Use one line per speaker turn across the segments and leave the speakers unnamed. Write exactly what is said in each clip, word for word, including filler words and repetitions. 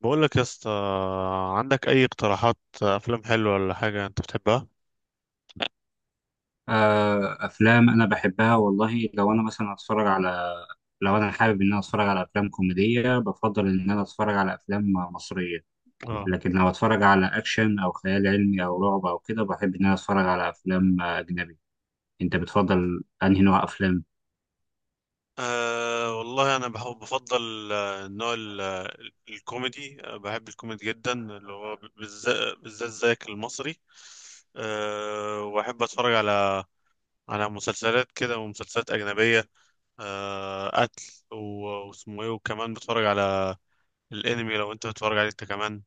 بقول لك يا اسطى، عندك اي اقتراحات افلام حلوه ولا حاجه انت بتحبها؟
آه، افلام انا بحبها والله. لو انا مثلا اتفرج على لو انا حابب ان انا اتفرج على افلام كوميديه بفضل ان انا اتفرج على افلام مصريه.
اه.
لكن لو اتفرج على اكشن او خيال علمي او رعب او كده بحب ان انا اتفرج على افلام آه، اجنبي. انت بتفضل انهي نوع افلام؟
أه والله انا بحب بفضل آه، النوع ال- آه، الكوميدي. آه، بحب الكوميدي جدا اللي هو بالذات بالذات زيك المصري. أه واحب اتفرج على على مسلسلات كده ومسلسلات اجنبيه. أه قتل و- واسمه ايه، وكمان بتفرج على الانمي لو انت بتتفرج عليه انت كمان.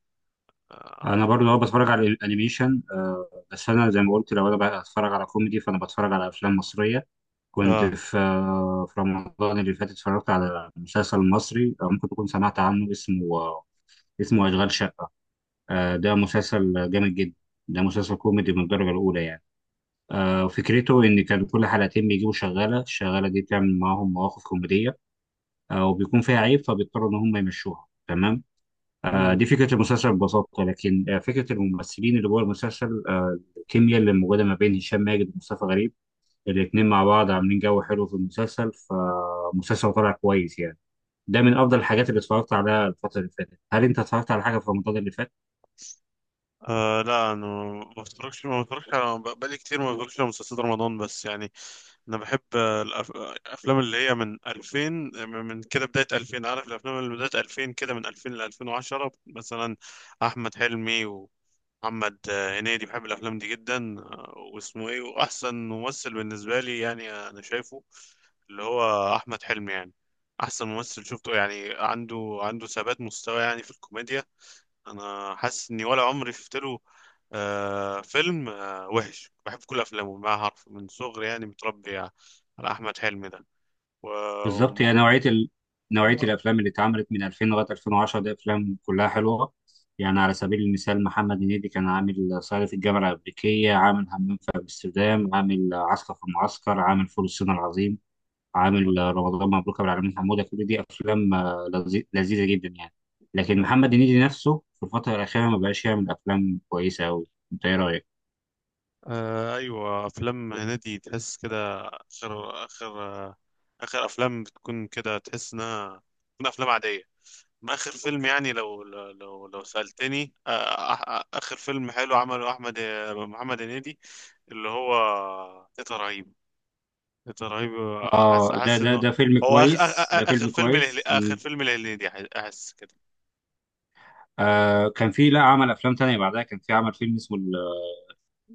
اه.
انا برضه هو بتفرج على الانيميشن، آه، بس انا زي ما قلت لو انا بقى اتفرج على كوميدي فانا بتفرج على افلام مصريه. كنت
آه.
في آه، في رمضان اللي فات اتفرجت على مسلسل مصري، آه، ممكن تكون سمعت عنه، اسمه اسمه أشغال شقة. آه، ده مسلسل جامد جدا. ده مسلسل كوميدي من الدرجة الأولى يعني. آه، فكرته إن كان كل حلقتين بيجيبوا شغالة، الشغالة دي بتعمل معاهم مواقف كوميدية، آه، وبيكون فيها عيب فبيضطروا إن هم يمشوها. تمام، آه، دي فكرة المسلسل ببساطة. لكن آه، فكرة الممثلين اللي جوه المسلسل، آه، الكيمياء اللي موجودة ما بين هشام ماجد ومصطفى غريب، الاتنين مع بعض عاملين جو حلو في المسلسل، فمسلسل طلع كويس يعني. ده من أفضل الحاجات اللي اتفرجت عليها الفترة اللي فاتت. هل أنت اتفرجت على حاجة في رمضان اللي فات؟
آه لا، انا ما بتفرجش ما بتفرجش على بق- بقالي كتير ما بتفرجش على مسلسلات رمضان بس يعني. انا بحب آه، الأف- الافلام اللي هي من ألفين، من من كده بداية ألفين. عارف الافلام اللي بداية ألفين كده من ألفين ل ألفين وعشرة مثلا. احمد حلمي ومحمد آه، هنيدي، بحب الافلام دي جدا، آه، واسمه ايه، واحسن ممثل بالنسبة لي يعني انا شايفه اللي هو احمد حلمي، يعني احسن ممثل شفته يعني عنده عنده ثبات مستوى يعني في الكوميديا. انا حاسس اني ولا عمري شفت له آه فيلم آه وحش، بحب كل افلامه ما حرف من صغري يعني متربي على احمد حلمي ده و...
بالظبط
وم...
يعني، نوعية ال... نوعية
آه
الأفلام اللي اتعملت من الفين لغاية الفين وعشرة دي أفلام كلها حلوة. يعني على سبيل المثال محمد هنيدي كان عامل صعيدي في الجامعة الأمريكية، عامل همام في أمستردام، عامل عسكر في المعسكر، عامل فول الصين العظيم، عامل رمضان مبروك أبو العلمين حمودة. كل دي أفلام آه، لذي- لذيذة جدا يعني. لكن محمد هنيدي نفسه في الفترة الأخيرة ما بقاش يعمل أفلام كويسة أوي. أنت إيه رأيك؟
آه، ايوه، افلام هنيدي تحس كده اخر اخر آه اخر افلام بتكون كده، تحس انها تكون افلام عاديه. ما اخر فيلم يعني لو لو لو, لو سالتني، آه آه، آه، اخر فيلم حلو عمله احمد آه، محمد هنيدي اللي هو تيتا رهيبه، ده رهيب. احس
آه، ده
احس
ده
انه
ده فيلم
هو آخ... آخ...
كويس، ده
آخ... اخر
فيلم
فيلم الهلي...
كويس.
اخر فيلم الهليدي، أح- احس كده.
آه، كان في، لا، عمل افلام تانية بعدها. كان في عمل فيلم اسمه ال-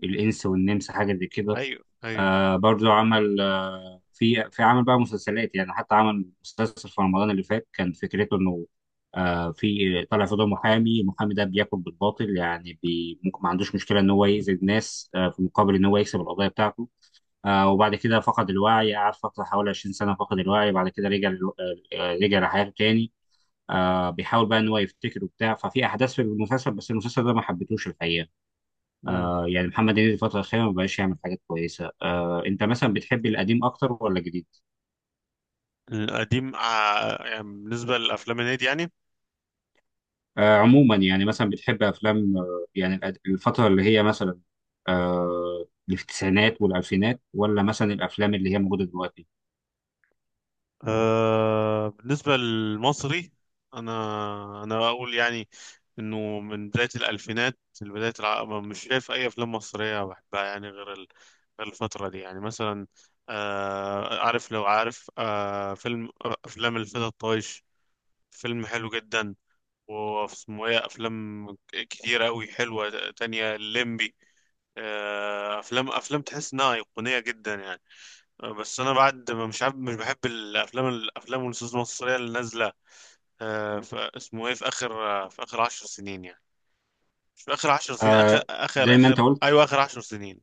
الانس والنمس، حاجه زي كده.
ايوه، ايوه.
آه برضو عمل، آه في في عمل بقى مسلسلات يعني. حتى عمل مسلسل في رمضان اللي فات كان فكرته انه آه في طالع في دور محامي، المحامي ده بياكل بالباطل يعني، بي ممكن ما عندوش مشكله ان هو يأذي الناس آه في مقابل ان هو يكسب القضيه بتاعته. آه وبعد كده فقد الوعي، قعد فتره حوالي عشرين سنه فقد الوعي. بعد كده رجع للو- آه، آه، رجع لحياته تاني. آه بيحاول بقى ان هو يفتكر وبتاع، ففي احداث في المسلسل، بس المسلسل ده ما حبيتهوش الحقيقه.
امم.
آه يعني محمد هنيدي الفتره الاخيره ما بقاش يعمل حاجات كويسه. آه انت مثلا بتحب القديم اكتر ولا الجديد؟
القديم، آه، يعني بالنسبه للافلام الهندي يعني.
آه عموما يعني، مثلا بتحب افلام آه يعني الأد- الفتره اللي هي مثلا آه اللي في التسعينات والالفينات، ولا مثلا الافلام اللي هي موجوده دلوقتي؟
آه... بالنسبه للمصري، انا انا اقول يعني انه من بدايه الالفينات لبدايه الع... مش شايف اي افلام مصريه بحبها، يعني غير ال... غير الفتره دي يعني مثلا. آه... عارف لو عارف آه... فيلم آه، افلام الفتى الطايش، فيلم حلو جدا، واسمه ايه، افلام كتيرة قوي حلوة تانية، الليمبي، آه، افلام افلام تحس انها ايقونية جدا يعني. آه، بس انا، بعد ما، مش عارف، مش بحب الافلام الافلام والنصوص المصرية اللي نازلة آه، ف- اسمه ايه، في اخر آه، في اخر عشر سنين يعني، مش في اخر عشر سنين، اخر
آه
اخر
زي ما انت
اخر
قلت،
ايوه، اخر عشر سنين،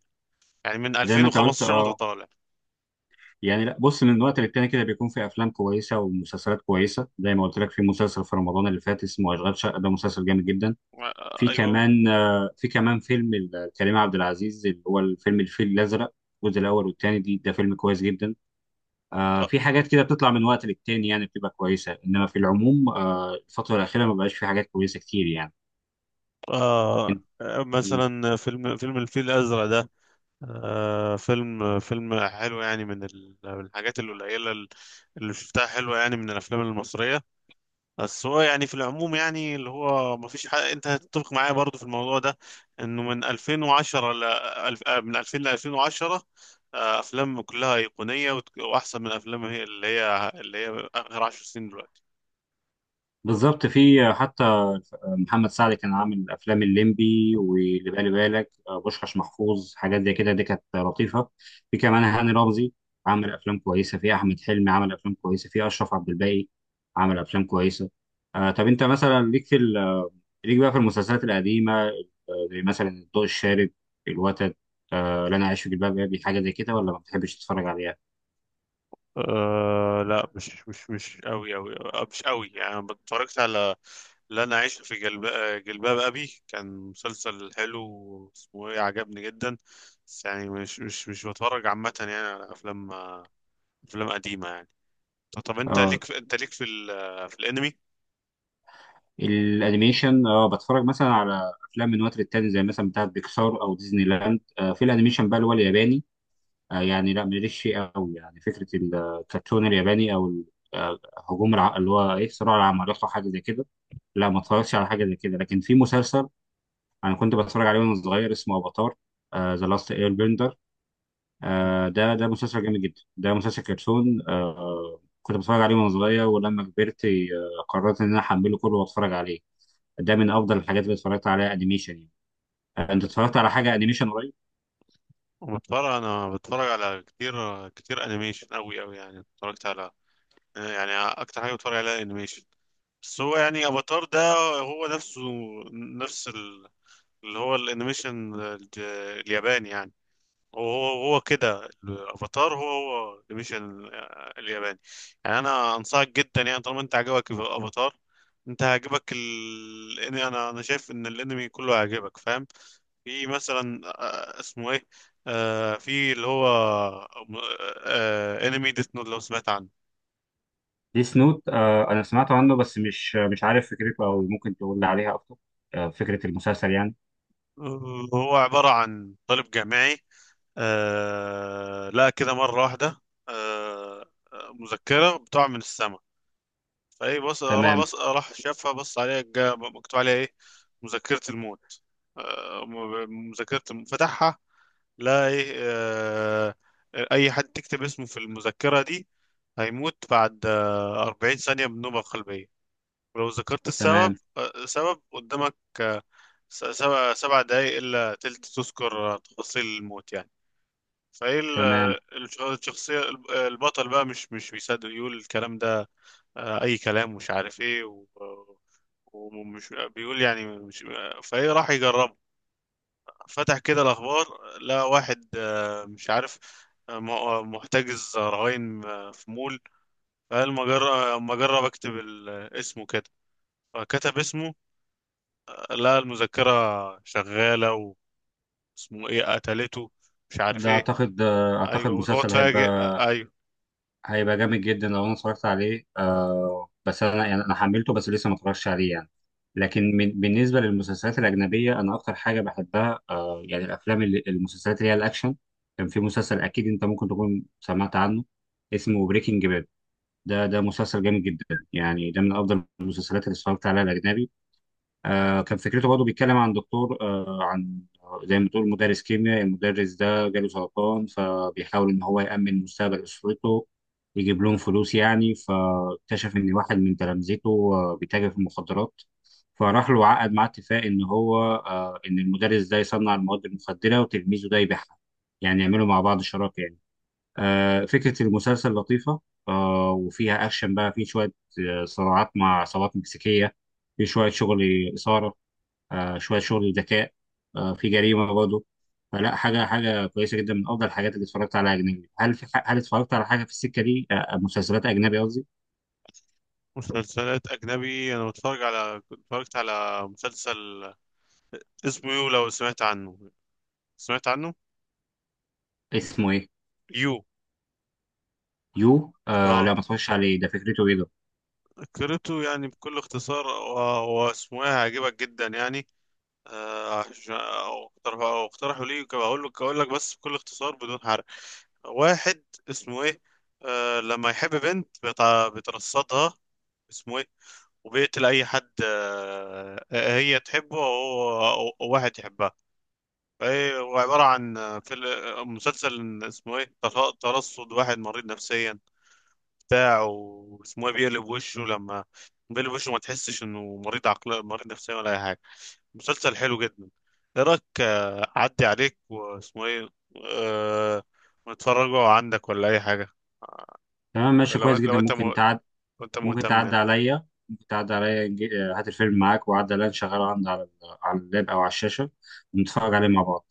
يعني من
زي ما انت قلت،
ألفين وخمستاشر وانت
اه.
طالع.
يعني لا، بص، من وقت للتاني كده بيكون في افلام كويسه ومسلسلات كويسه، زي ما قلت لك في مسلسل في رمضان اللي فات اسمه اشغال شقه، ده مسلسل جامد جدا.
آه،
في
ايوه
كمان آه، في كمان فيلم ال- كريم عبد العزيز، اللي هو الفيلم الفيل الازرق الجزء الاول والثاني، دي ده فيلم كويس جدا. آه، في حاجات كده بتطلع من وقت للتاني يعني بتبقى كويسه، انما في العموم آه، الفتره الاخيره ما بقاش في حاجات كويسه كتير يعني.
آه،
إن-
آه،
م.
مثلا فيلم فيلم الفيل الازرق ده، آه فيلم فيلم حلو يعني من ال- من الحاجات القليلة ال- اللي شفتها حلوة يعني من الأفلام المصرية. بس هو يعني في العموم يعني اللي هو ما فيش حاجة، أنت هتتفق معايا برضو في الموضوع ده، إنه من ألفين وعشرة ل ألف- آه، من ألفين ل ألفين وعشرة، آه، أفلام كلها أيقونية وت- وأحسن من أفلام هي اللي هي اللي هي آخر عشر سنين دلوقتي.
بالظبط. في آه، حتى محمد سعد كان عامل افلام الليمبي واللي بالي بالك آه، بوشخاش محفوظ، حاجات زي كده دي كانت لطيفه. في كمان هاني رمزي عمل افلام كويسه، في احمد حلمي عمل افلام كويسه، في اشرف عبد الباقي عمل افلام كويسه. آه طب انت مثلا ليك في ال- ليك بقى في المسلسلات القديمه، آه، زي مثلا الضوء الشارد، الوتد، آه لا انا عايش في جلباب ابي، حاجه زي كده، ولا ما بتحبش تتفرج عليها؟
أه لا، مش مش مش قوي قوي. مش قوي يعني، اتفرجت على، لن أعيش في جلب... جلباب أبي، كان مسلسل حلو، اسمه إيه، عجبني جدا. بس يعني مش مش مش بتفرج عامة يعني على أفلام أفلام قديمة يعني. طب طب، أنت
اه
ليك في... أنت ليك في ال... في الأنمي؟
الانيميشن، اه بتفرج مثلا على افلام من وقت للتاني زي مثلا بتاعت بيكسار او ديزني لاند. آه في الانيميشن بقى اللي هو الياباني، آه يعني لا ماليش فيه قوي يعني. فكره الكرتون الياباني او ال- آه، هجوم الع... اللي هو ايه صراع العمالقه أو حاجه زي كده، لا ما اتفرجتش على حاجه زي كده. لكن في مسلسل انا كنت بتفرج عليه وانا صغير اسمه افاتار، ذا لاست اير بندر. ده ده مسلسل جامد جدا، ده مسلسل كرتون. آه كنت بتفرج عليه وانا صغير، ولما كبرت آه، قررت ان انا احمله كله واتفرج عليه. ده من افضل الحاجات اللي اتفرجت عليها انيميشن يعني. آه، انت اتفرجت على حاجه انيميشن قريب؟
بتفرج أنا بتفرج على كتير كتير أنيميشن أوي أوي، يعني اتفرجت على، يعني أكتر حاجة بتفرج عليها أنيميشن. بس هو يعني أفاتار ده هو نفسه، نفس ال... اللي هو الأنيميشن الج- الياباني يعني. وهو هو كده الافاتار هو هو مش ال- الياباني، يعني انا انصحك جدا، يعني طالما انت عجبك الافاتار انت هيعجبك ال... إن انا انا شايف ان الانمي كله هيعجبك، فاهم. في مثلا آه، اسمه ايه آه في اللي هو آه انمي ديث نوت، لو سمعت عنه.
ديس نوت، آه، انا سمعت عنه بس مش مش عارف فكرته، او ممكن تقول لي عليها اكتر؟ آه فكره المسلسل يعني.
آه، هو عبارة عن طالب جامعي. آه لا، كده مرة واحدة. آه. آه، مذكرة بتقع من السماء، فايه بص راح
تمام.
بص راح شافها، بص عليها، جا- مكتوب عليها ايه، مذكرة الموت. آه، م- مذكرة الم- فتحها، لا ايه آه، اي حد تكتب اسمه في المذكرة دي هيموت بعد آه، 40 ثانية من نوبة قلبية، ولو ذكرت السبب
تمام.
آه، سبب قدامك آه، س- سبع سبع دقايق إلا تلت، تذكر آه، تفاصيل الموت يعني. فايه ال-
تمام.
الش- الشخصية الب- البطل بقى مش مش بيصدق، يقول الكلام ده آه، اي كلام، مش عارف ايه و... ومش بيقول يعني مش، فايه راح يجرب، فتح كده الاخبار، لقى واحد آه، مش عارف آه، م- آه، محتجز رهائن آه، في مول، فقال ما جرب ما جرب اكتب ال- اسمه كده، فكتب اسمه، لقى المذكرة شغالة، واسمه ايه، قتلته مش عارف
ده
ايه.
اعتقد، آه اعتقد
ايوه، وهو
مسلسل هيبقى،
اتفاجئ آه، ايوه.
هيبقى جامد جدا لو انا اتفرجت عليه. آه بس انا يعني انا حملته بس لسه ما اتفرجتش عليه يعني. لكن من بالنسبه للمسلسلات الاجنبيه، انا اكتر حاجه بحبها يعني الافلام اللي، المسلسلات اللي هي الاكشن. كان في مسلسل اكيد انت ممكن تكون سمعت عنه اسمه بريكنج باد. ده ده مسلسل جامد جدا يعني. ده من افضل المسلسلات اللي اتفرجت عليها الاجنبي. آه، كان فكرته برضه بيتكلم عن دكتور، آه، عن، زي ما بتقول، مدرس كيمياء. المدرس ده جاله سرطان فبيحاول ان هو يأمن مستقبل اسرته، يجيب لهم فلوس يعني. فاكتشف ان واحد من تلامذته آه، بيتاجر في المخدرات. فراح له عقد معاه اتفاق ان هو آه، ان المدرس ده يصنع المواد المخدرة وتلميذه ده يبيعها، يعني يعملوا مع بعض شراكة يعني. آه، فكرة المسلسل لطيفة. آه، وفيها اكشن بقى، في شوية آه، صراعات مع عصابات مكسيكية، في شوية شغل إثارة، آه، شويه شغل ذكاء، آه، في جريمه برضه. فلا، حاجه حاجه كويسه جدا، من افضل الحاجات اللي اتفرجت عليها اجنبي. هل في ح- هل اتفرجت على حاجه في السكه دي آه، آه، مسلسلات اجنبي قصدي؟
مسلسلات اجنبي، انا بتفرج على اتفرجت على مسلسل اسمه يو، لو سمعت عنه؟ سمعت عنه.
اسمه ايه؟
يو.
يو؟ آه
اه،
لا ما اتفرجش عليه، ده فكرته ايه ده؟
قريته يعني بكل اختصار، آه، و- واسمه ايه، هيعجبك جدا يعني، آه، عشان أو اقترح- أو اقترحوا لي، كم- اقول لك اقول لك بس بكل اختصار بدون حرق. واحد اسمه ايه، آه، لما يحب بنت بيتع- بيترصدها، اسمه ايه، وبيقتل اي حد آه، آه، هي تحبه او أو- أو واحد يحبها. فهي- هو عبارة عن آه، فيلم- آه، مسلسل، اسمه ايه، تر- ترصد واحد مريض نفسيا، بتاع، واسمه ايه، بيقلب وشه، لما بيقلب وشه ما تحسش انه مريض عقل، مريض نفسيا ولا اي حاجه. مسلسل حلو جدا. ايه رايك آه، اعدي عليك، واسمه ايه، أه... ونتفرجوا عندك ولا اي حاجه،
تمام، ماشي،
لو
كويس جدا،
لو انت م...
ممكن تعد.
لو انت
ممكن
مهتم
تعدي
يعني.
عليا، ممكن تعدي عليا، نجي- آه، هات الفيلم معاك وعدي عليا نشغله عندي على ال- على اللاب او على الشاشه ونتفرج عليه مع بعض.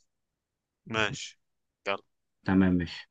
ماشي، يلا.
تمام، ماشي.